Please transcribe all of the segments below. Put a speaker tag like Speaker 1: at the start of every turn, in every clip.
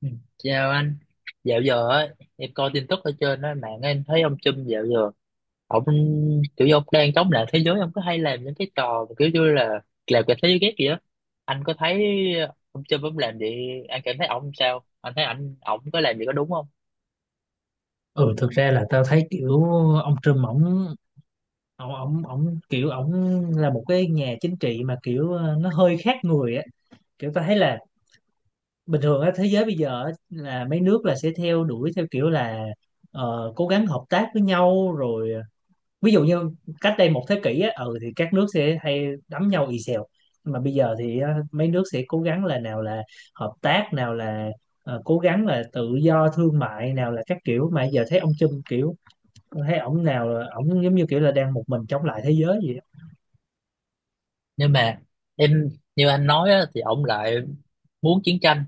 Speaker 1: Ừ. Chào anh, dạo giờ ấy, em coi tin tức ở trên đó, mạng em thấy ông Trump dạo giờ ông kiểu như ông đang chống lại thế giới. Ông có hay làm những cái trò mà kiểu như là làm cả thế giới ghét gì á, anh có thấy ông Trump ông làm gì, anh cảm thấy ông sao, anh thấy ảnh ổng có làm gì có đúng không?
Speaker 2: Ừ Thực ra là tao thấy kiểu ông Trump ổng ổng ổng ổng kiểu ổng là một cái nhà chính trị mà kiểu nó hơi khác người á. Kiểu tao thấy là bình thường á, thế giới bây giờ á, là mấy nước là sẽ theo đuổi theo kiểu là cố gắng hợp tác với nhau, rồi ví dụ như cách đây một thế kỷ á, ừ thì các nước sẽ hay đấm nhau ì xèo. Nhưng mà bây giờ thì mấy nước sẽ cố gắng là nào là hợp tác, nào là cố gắng là tự do thương mại, nào là các kiểu. Mà giờ thấy ông Trump kiểu, tôi thấy ổng nào là ổng giống như kiểu là đang một mình chống lại thế giới gì á.
Speaker 1: Nhưng mà em, như anh nói á, thì ông lại muốn chiến tranh,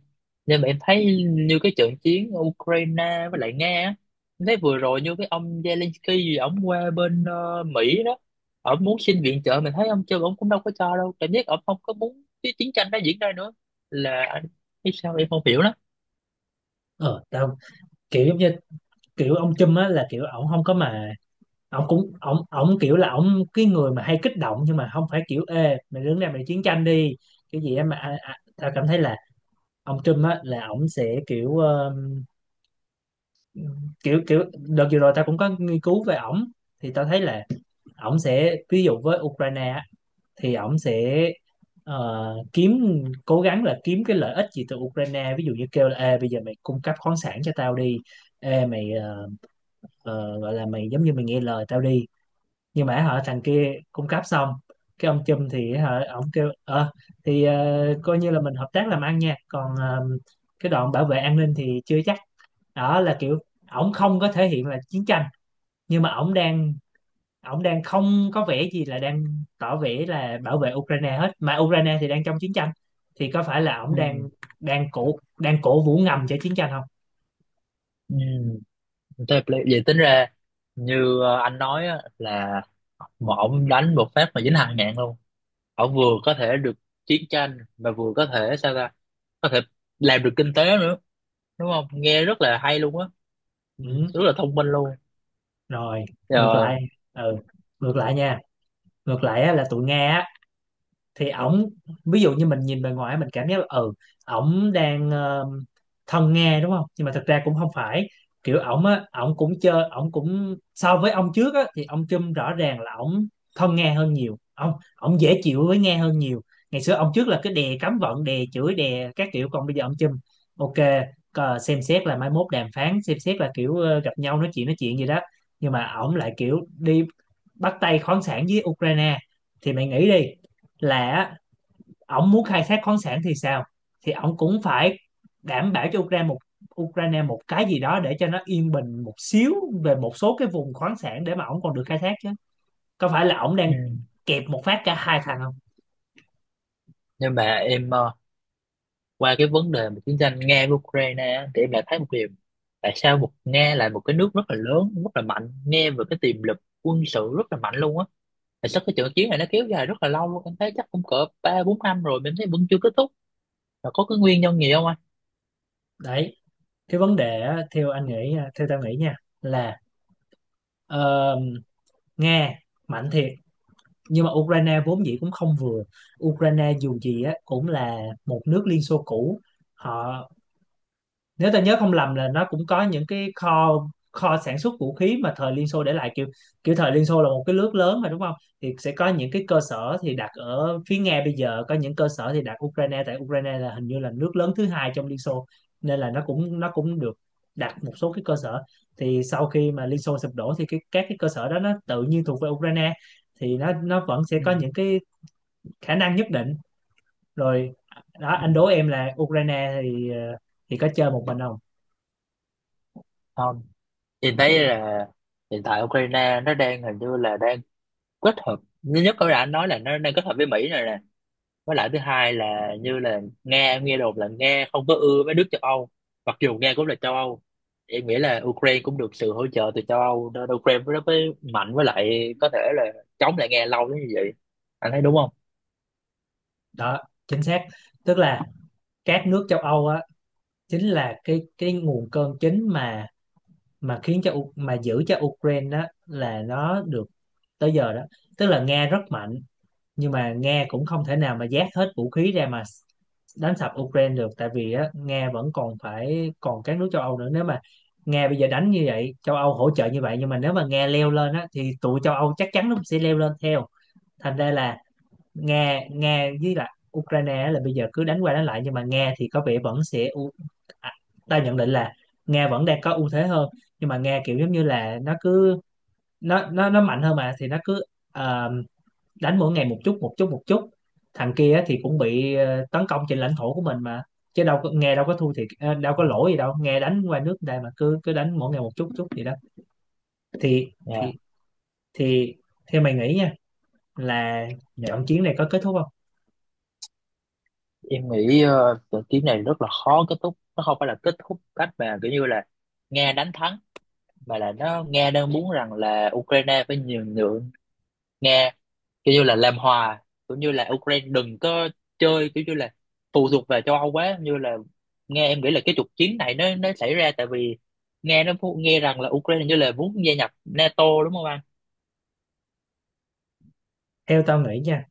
Speaker 1: nhưng mà em thấy như cái trận chiến ở Ukraine với lại Nga á, em thấy vừa rồi như cái ông Zelensky gì ông qua bên Mỹ đó, ông muốn xin viện trợ mình thấy ông chưa, ông cũng đâu có cho đâu, cảm giác ông không có muốn cái chiến tranh nó diễn ra nữa. Là anh biết sao, em không hiểu lắm.
Speaker 2: Ờ Tao kiểu giống như kiểu ông Trump á là kiểu ổng không có mà, ổng cũng ổng ổng kiểu là ổng cái người mà hay kích động, nhưng mà không phải kiểu ê mày đứng đây mày chiến tranh đi. Kiểu gì em mà tao cảm thấy là ông Trump á là ổng sẽ kiểu kiểu kiểu đợt vừa rồi tao cũng có nghiên cứu về ổng, thì tao thấy là ổng sẽ ví dụ với Ukraine á, thì ổng sẽ kiếm, cố gắng là kiếm cái lợi ích gì từ Ukraine. Ví dụ như kêu là ê, bây giờ mày cung cấp khoáng sản cho tao đi, ê, mày gọi là mày giống như mày nghe lời tao đi. Nhưng mà họ, thằng kia cung cấp xong, cái ông Trump thì hả, ổng kêu thì coi như là mình hợp tác làm ăn nha, còn cái đoạn bảo vệ an ninh thì chưa chắc. Đó là kiểu ổng không có thể hiện là chiến tranh, nhưng mà ổng đang, ông đang không có vẻ gì là đang tỏ vẻ là bảo vệ Ukraine hết, mà Ukraine thì đang trong chiến tranh. Thì có phải là ông
Speaker 1: Ừ.
Speaker 2: đang đang cổ vũ ngầm cho chiến tranh không?
Speaker 1: Ừ. Thế là vậy, tính ra như anh nói á, là mà ông đánh một phát mà dính hàng ngàn luôn, họ vừa có thể được chiến tranh mà vừa có thể sao ta, có thể làm được kinh tế nữa, đúng không, nghe rất là hay luôn á. Ừ,
Speaker 2: Ừ,
Speaker 1: rất là thông minh luôn.
Speaker 2: rồi, ngược
Speaker 1: Ờ,
Speaker 2: lại. Ừ, ngược lại nha. Ngược lại á, là tụi Nga á, thì ổng, ví dụ như mình nhìn bề ngoài mình cảm giác là ừ ổng đang thân Nga đúng không, nhưng mà thực ra cũng không phải. Kiểu ổng á, ổng cũng chơi, ổng cũng so với ông trước á thì ông Trump rõ ràng là ổng thân Nga hơn nhiều, ông ổng dễ chịu với Nga hơn nhiều. Ngày xưa ông trước là cái đè cấm vận, đè chửi, đè các kiểu, còn bây giờ ông Trump ok, xem xét là mai mốt đàm phán, xem xét là kiểu gặp nhau nói chuyện gì đó. Nhưng mà ổng lại kiểu đi bắt tay khoáng sản với Ukraine. Thì mày nghĩ đi, là ổng muốn khai thác khoáng sản thì sao, thì ổng cũng phải đảm bảo cho Ukraine một cái gì đó để cho nó yên bình một xíu về một số cái vùng khoáng sản để mà ổng còn được khai thác chứ. Có phải là ổng đang
Speaker 1: ừ.
Speaker 2: kẹp một phát cả hai thằng không?
Speaker 1: Nhưng mà em, qua cái vấn đề mà chiến tranh Nga với Ukraine á, thì em lại thấy một điều, tại sao một Nga là một cái nước rất là lớn, rất là mạnh, nghe về cái tiềm lực quân sự rất là mạnh luôn á, tại sao cái trận chiến này nó kéo dài rất là lâu luôn, em thấy chắc cũng cỡ ba bốn năm rồi mà em thấy vẫn chưa kết thúc, là có cái nguyên nhân gì không anh?
Speaker 2: Đấy, cái vấn đề á, theo theo tao nghĩ nha, là ờ, Nga mạnh thiệt, nhưng mà Ukraine vốn dĩ cũng không vừa. Ukraine dù gì á cũng là một nước Liên Xô cũ, họ, nếu ta nhớ không lầm là nó cũng có những cái kho kho sản xuất vũ khí mà thời Liên Xô để lại. Kiểu kiểu thời Liên Xô là một cái nước lớn mà đúng không, thì sẽ có những cái cơ sở thì đặt ở phía Nga, bây giờ có những cơ sở thì đặt Ukraine. Tại Ukraine là hình như là nước lớn thứ hai trong Liên Xô, nên là nó cũng được đặt một số cái cơ sở. Thì sau khi mà Liên Xô sụp đổ thì cái các cái cơ sở đó nó tự nhiên thuộc về Ukraine, thì nó vẫn sẽ
Speaker 1: Ừ.
Speaker 2: có những cái khả năng nhất định. Rồi, đó
Speaker 1: Ừ.
Speaker 2: anh đố em, là Ukraine thì thì có chơi một mình không?
Speaker 1: Không. Chị thấy là hiện tại Ukraine nó đang hình như là đang kết hợp, thứ nhất có đã nói là nó đang kết hợp với Mỹ rồi nè, với lại thứ hai là như là Nga, em nghe đồn là Nga không có ưa với nước châu Âu, mặc dù Nga cũng là châu Âu. Em nghĩ là Ukraine cũng được sự hỗ trợ từ châu Âu nên Ukraine nó mới mạnh, với lại có thể là chống lại Nga lâu đến như vậy. Anh thấy đúng không?
Speaker 2: Đó, chính xác. Tức là các nước châu Âu á, chính là cái nguồn cơn chính mà khiến cho mà giữ cho Ukraine đó là nó được tới giờ đó. Tức là Nga rất mạnh, nhưng mà Nga cũng không thể nào mà vác hết vũ khí ra mà đánh sập Ukraine được. Tại vì á, Nga vẫn còn phải, còn các nước châu Âu nữa. Nếu mà Nga bây giờ đánh như vậy, châu Âu hỗ trợ như vậy, nhưng mà nếu mà Nga leo lên á thì tụi châu Âu chắc chắn nó sẽ leo lên theo. Thành ra là Nga Nga với lại Ukraine á, là bây giờ cứ đánh qua đánh lại, nhưng mà Nga thì có vẻ vẫn sẽ à, ta nhận định là Nga vẫn đang có ưu thế hơn. Nhưng mà Nga kiểu giống như là nó cứ, nó mạnh hơn mà, thì nó cứ ờ, đánh mỗi ngày một chút một chút một chút. Thằng kia á thì cũng bị tấn công trên lãnh thổ của mình mà, chứ đâu có, Nga đâu có thua thiệt, đâu có lỗi gì đâu. Nga đánh qua nước đây mà cứ cứ đánh mỗi ngày một chút chút gì đó. thì
Speaker 1: Dạ,
Speaker 2: thì thì theo mày nghĩ nha, là
Speaker 1: dạ.
Speaker 2: trận chiến này có kết thúc không?
Speaker 1: Em nghĩ trận chiến này rất là khó kết thúc. Nó không phải là kết thúc cách mà kiểu như là Nga đánh thắng, mà là nó, Nga đang muốn rằng là Ukraine phải nhường nhượng Nga, kiểu như là làm hòa, cũng như là Ukraine đừng có chơi kiểu như là phụ thuộc về châu Âu quá, như là nghe em nghĩ là cái trục chiến này nó xảy ra tại vì nghe nó phu-, nghe rằng là Ukraine như là muốn gia nhập NATO, đúng không anh?
Speaker 2: Theo tao nghĩ nha,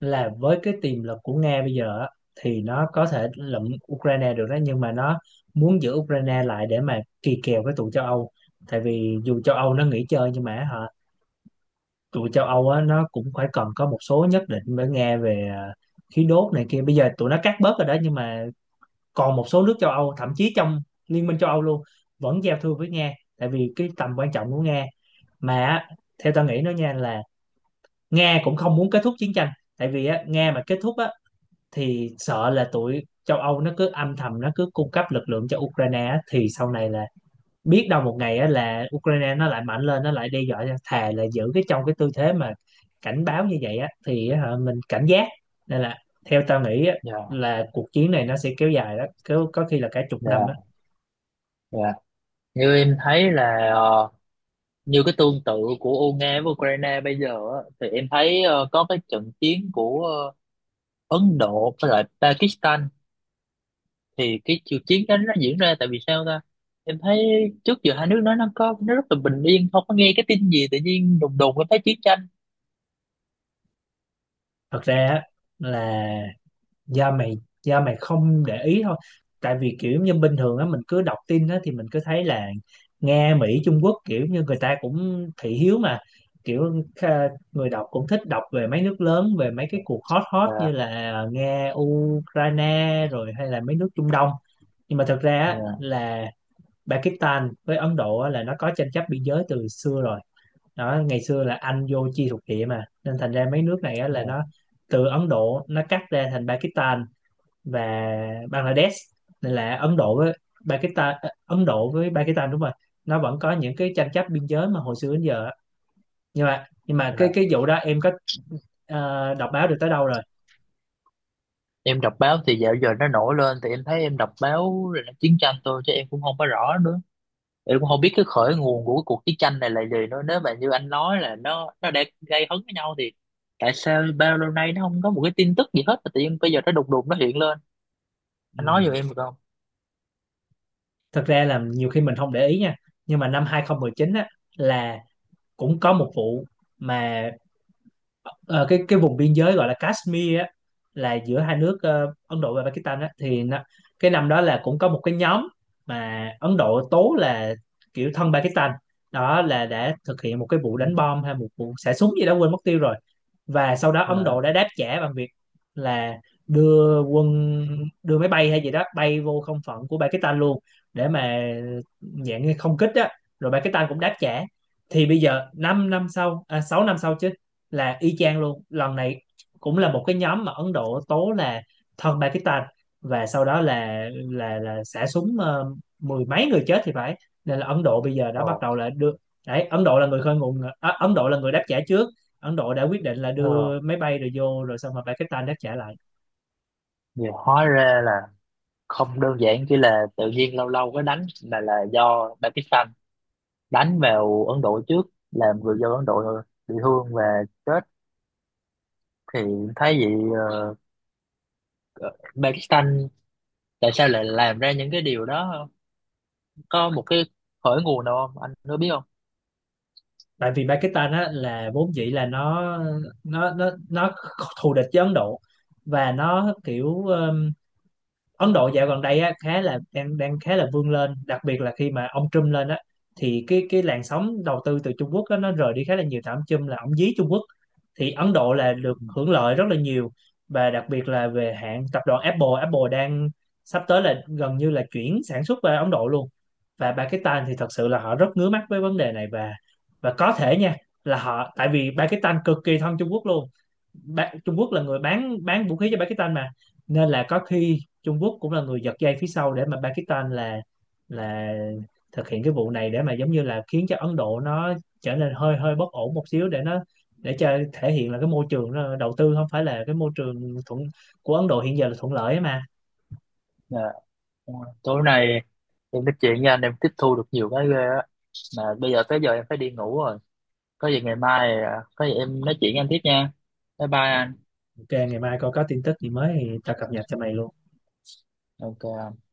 Speaker 2: là với cái tiềm lực của Nga bây giờ á, thì nó có thể lụm Ukraine được đó, nhưng mà nó muốn giữ Ukraine lại để mà kỳ kèo với tụi châu Âu. Tại vì dù châu Âu nó nghỉ chơi, nhưng mà hả, tụi châu Âu á, nó cũng phải cần có một số nhất định với Nga về khí đốt này kia. Bây giờ tụi nó cắt bớt rồi đó, nhưng mà còn một số nước châu Âu, thậm chí trong Liên minh châu Âu luôn, vẫn giao thương với Nga tại vì cái tầm quan trọng của Nga mà á. Theo tao nghĩ nó nha, là Nga cũng không muốn kết thúc chiến tranh. Tại vì á, Nga mà kết thúc á, thì sợ là tụi châu Âu nó cứ âm thầm, nó cứ cung cấp lực lượng cho Ukraine á, thì sau này là biết đâu một ngày á, là Ukraine nó lại mạnh lên, nó lại đe dọa. Thà là giữ cái trong cái tư thế mà cảnh báo như vậy á, thì á, hả, mình cảnh giác. Nên là theo tao nghĩ á,
Speaker 1: Dạ,
Speaker 2: là cuộc chiến này nó sẽ kéo dài đó, kéo có khi là cả chục năm á.
Speaker 1: dạ, dạ. Như em thấy là như cái tương tự của Ô- Nga với Ukraine bây giờ á, thì em thấy có cái trận chiến của Ấn Độ với lại Pakistan, thì cái cuộc chiến đó nó diễn ra tại vì sao ta, em thấy trước giờ hai nước nó có nó rất là bình yên, không có nghe cái tin gì, tự nhiên đùng đùng em thấy chiến tranh.
Speaker 2: Thật ra á, là do mày do mày không để ý thôi. Tại vì kiểu như bình thường á, mình cứ đọc tin á thì mình cứ thấy là Nga, Mỹ, Trung Quốc, kiểu như người ta cũng thị hiếu mà. Kiểu người đọc cũng thích đọc về mấy nước lớn, về mấy cái cuộc hot hot
Speaker 1: Dạ,
Speaker 2: như là Nga, Ukraine, rồi hay là mấy nước Trung Đông. Nhưng mà thật ra á,
Speaker 1: dạ,
Speaker 2: là Pakistan với Ấn Độ á, là nó có tranh chấp biên giới từ xưa rồi. Đó, ngày xưa là Anh vô chia thuộc địa mà, nên thành ra mấy nước này á, là
Speaker 1: dạ,
Speaker 2: nó từ Ấn Độ nó cắt ra thành Pakistan và Bangladesh. Nên là Ấn Độ với Ấn Độ với Pakistan, đúng rồi, nó vẫn có những cái tranh chấp biên giới mà hồi xưa đến giờ á. Nhưng mà cái
Speaker 1: dạ.
Speaker 2: vụ đó em có đọc báo được tới đâu rồi?
Speaker 1: Em đọc báo thì dạo giờ nó nổi lên thì em thấy em đọc báo là chiến tranh thôi chứ em cũng không có rõ nữa, em cũng không biết cái khởi nguồn của cái cuộc chiến tranh này là gì nữa. Nếu mà như anh nói là nó đã gây hấn với nhau thì tại sao bao lâu nay nó không có một cái tin tức gì hết mà tự nhiên bây giờ nó đùng đùng nó hiện lên? Anh nói
Speaker 2: Ừ,
Speaker 1: giùm em được không?
Speaker 2: thật ra là nhiều khi mình không để ý nha, nhưng mà năm 2019 á, là cũng có một vụ mà ờ, cái vùng biên giới gọi là Kashmir á, là giữa hai nước Ấn Độ và Pakistan á, thì nó, cái năm đó là cũng có một cái nhóm mà Ấn Độ tố là kiểu thân Pakistan đó, là đã thực hiện một cái vụ
Speaker 1: Ừ.
Speaker 2: đánh bom hay một vụ xả súng gì đó, quên mất tiêu rồi. Và sau đó Ấn
Speaker 1: Dạ.
Speaker 2: Độ đã đáp trả bằng việc là đưa quân, đưa máy bay hay gì đó bay vô không phận của Pakistan luôn, để mà dạng như không kích á, rồi Pakistan cũng đáp trả. Thì bây giờ 5 năm, 6 năm sau chứ, là y chang luôn. Lần này cũng là một cái nhóm mà Ấn Độ tố là thân Pakistan, và sau đó là xả súng, mười mấy người chết thì phải. Nên là Ấn Độ bây giờ đã bắt
Speaker 1: Ồ.
Speaker 2: đầu là đưa, đấy Ấn Độ là người Ấn Độ là người đáp trả trước. Ấn Độ đã quyết định là
Speaker 1: Ờ.
Speaker 2: đưa máy bay rồi vô, rồi xong rồi Pakistan đáp trả lại.
Speaker 1: Nhiều hóa ra là không đơn giản chỉ là tự nhiên lâu lâu cái đánh, mà là do Pakistan đánh vào Ấn Độ trước, làm người dân Ấn Độ bị thương và chết. Thì thấy vậy, ờ, ờ, Pakistan tại sao lại làm ra những cái điều đó không? Có một cái khởi nguồn nào không? Anh có biết không?
Speaker 2: Tại vì Pakistan á, là vốn dĩ là nó thù địch với Ấn Độ. Và nó kiểu Ấn Độ dạo gần đây á, khá là đang đang khá là vươn lên, đặc biệt là khi mà ông Trump lên á, thì cái làn sóng đầu tư từ Trung Quốc á, nó rời đi khá là nhiều, tại ông Trump là ông dí Trung Quốc, thì Ấn Độ là được
Speaker 1: Ừ.
Speaker 2: hưởng lợi rất là nhiều. Và đặc biệt là về hãng tập đoàn Apple, Apple đang sắp tới là gần như là chuyển sản xuất về Ấn Độ luôn. Và Pakistan thì thật sự là họ rất ngứa mắt với vấn đề này. Và có thể nha, là tại vì Pakistan cực kỳ thân Trung Quốc luôn, ba, Trung Quốc là người bán vũ khí cho Pakistan mà. Nên là có khi Trung Quốc cũng là người giật dây phía sau để mà Pakistan là là thực hiện cái vụ này, để mà giống như là khiến cho Ấn Độ nó trở nên hơi hơi bất ổn một xíu, để nó cho thể hiện là cái môi trường nó đầu tư không phải là cái môi trường thuận, của Ấn Độ hiện giờ là thuận lợi ấy mà.
Speaker 1: Dạ. Tối nay em nói chuyện với anh, em tiếp thu được nhiều cái ghê á, mà bây giờ tới giờ em phải đi ngủ rồi, có gì ngày mai à, có gì em nói chuyện với anh tiếp nha. Bye bye anh.
Speaker 2: Ok, ngày mai coi có tin tức gì mới thì tao cập nhật cho mày luôn.
Speaker 1: Ok.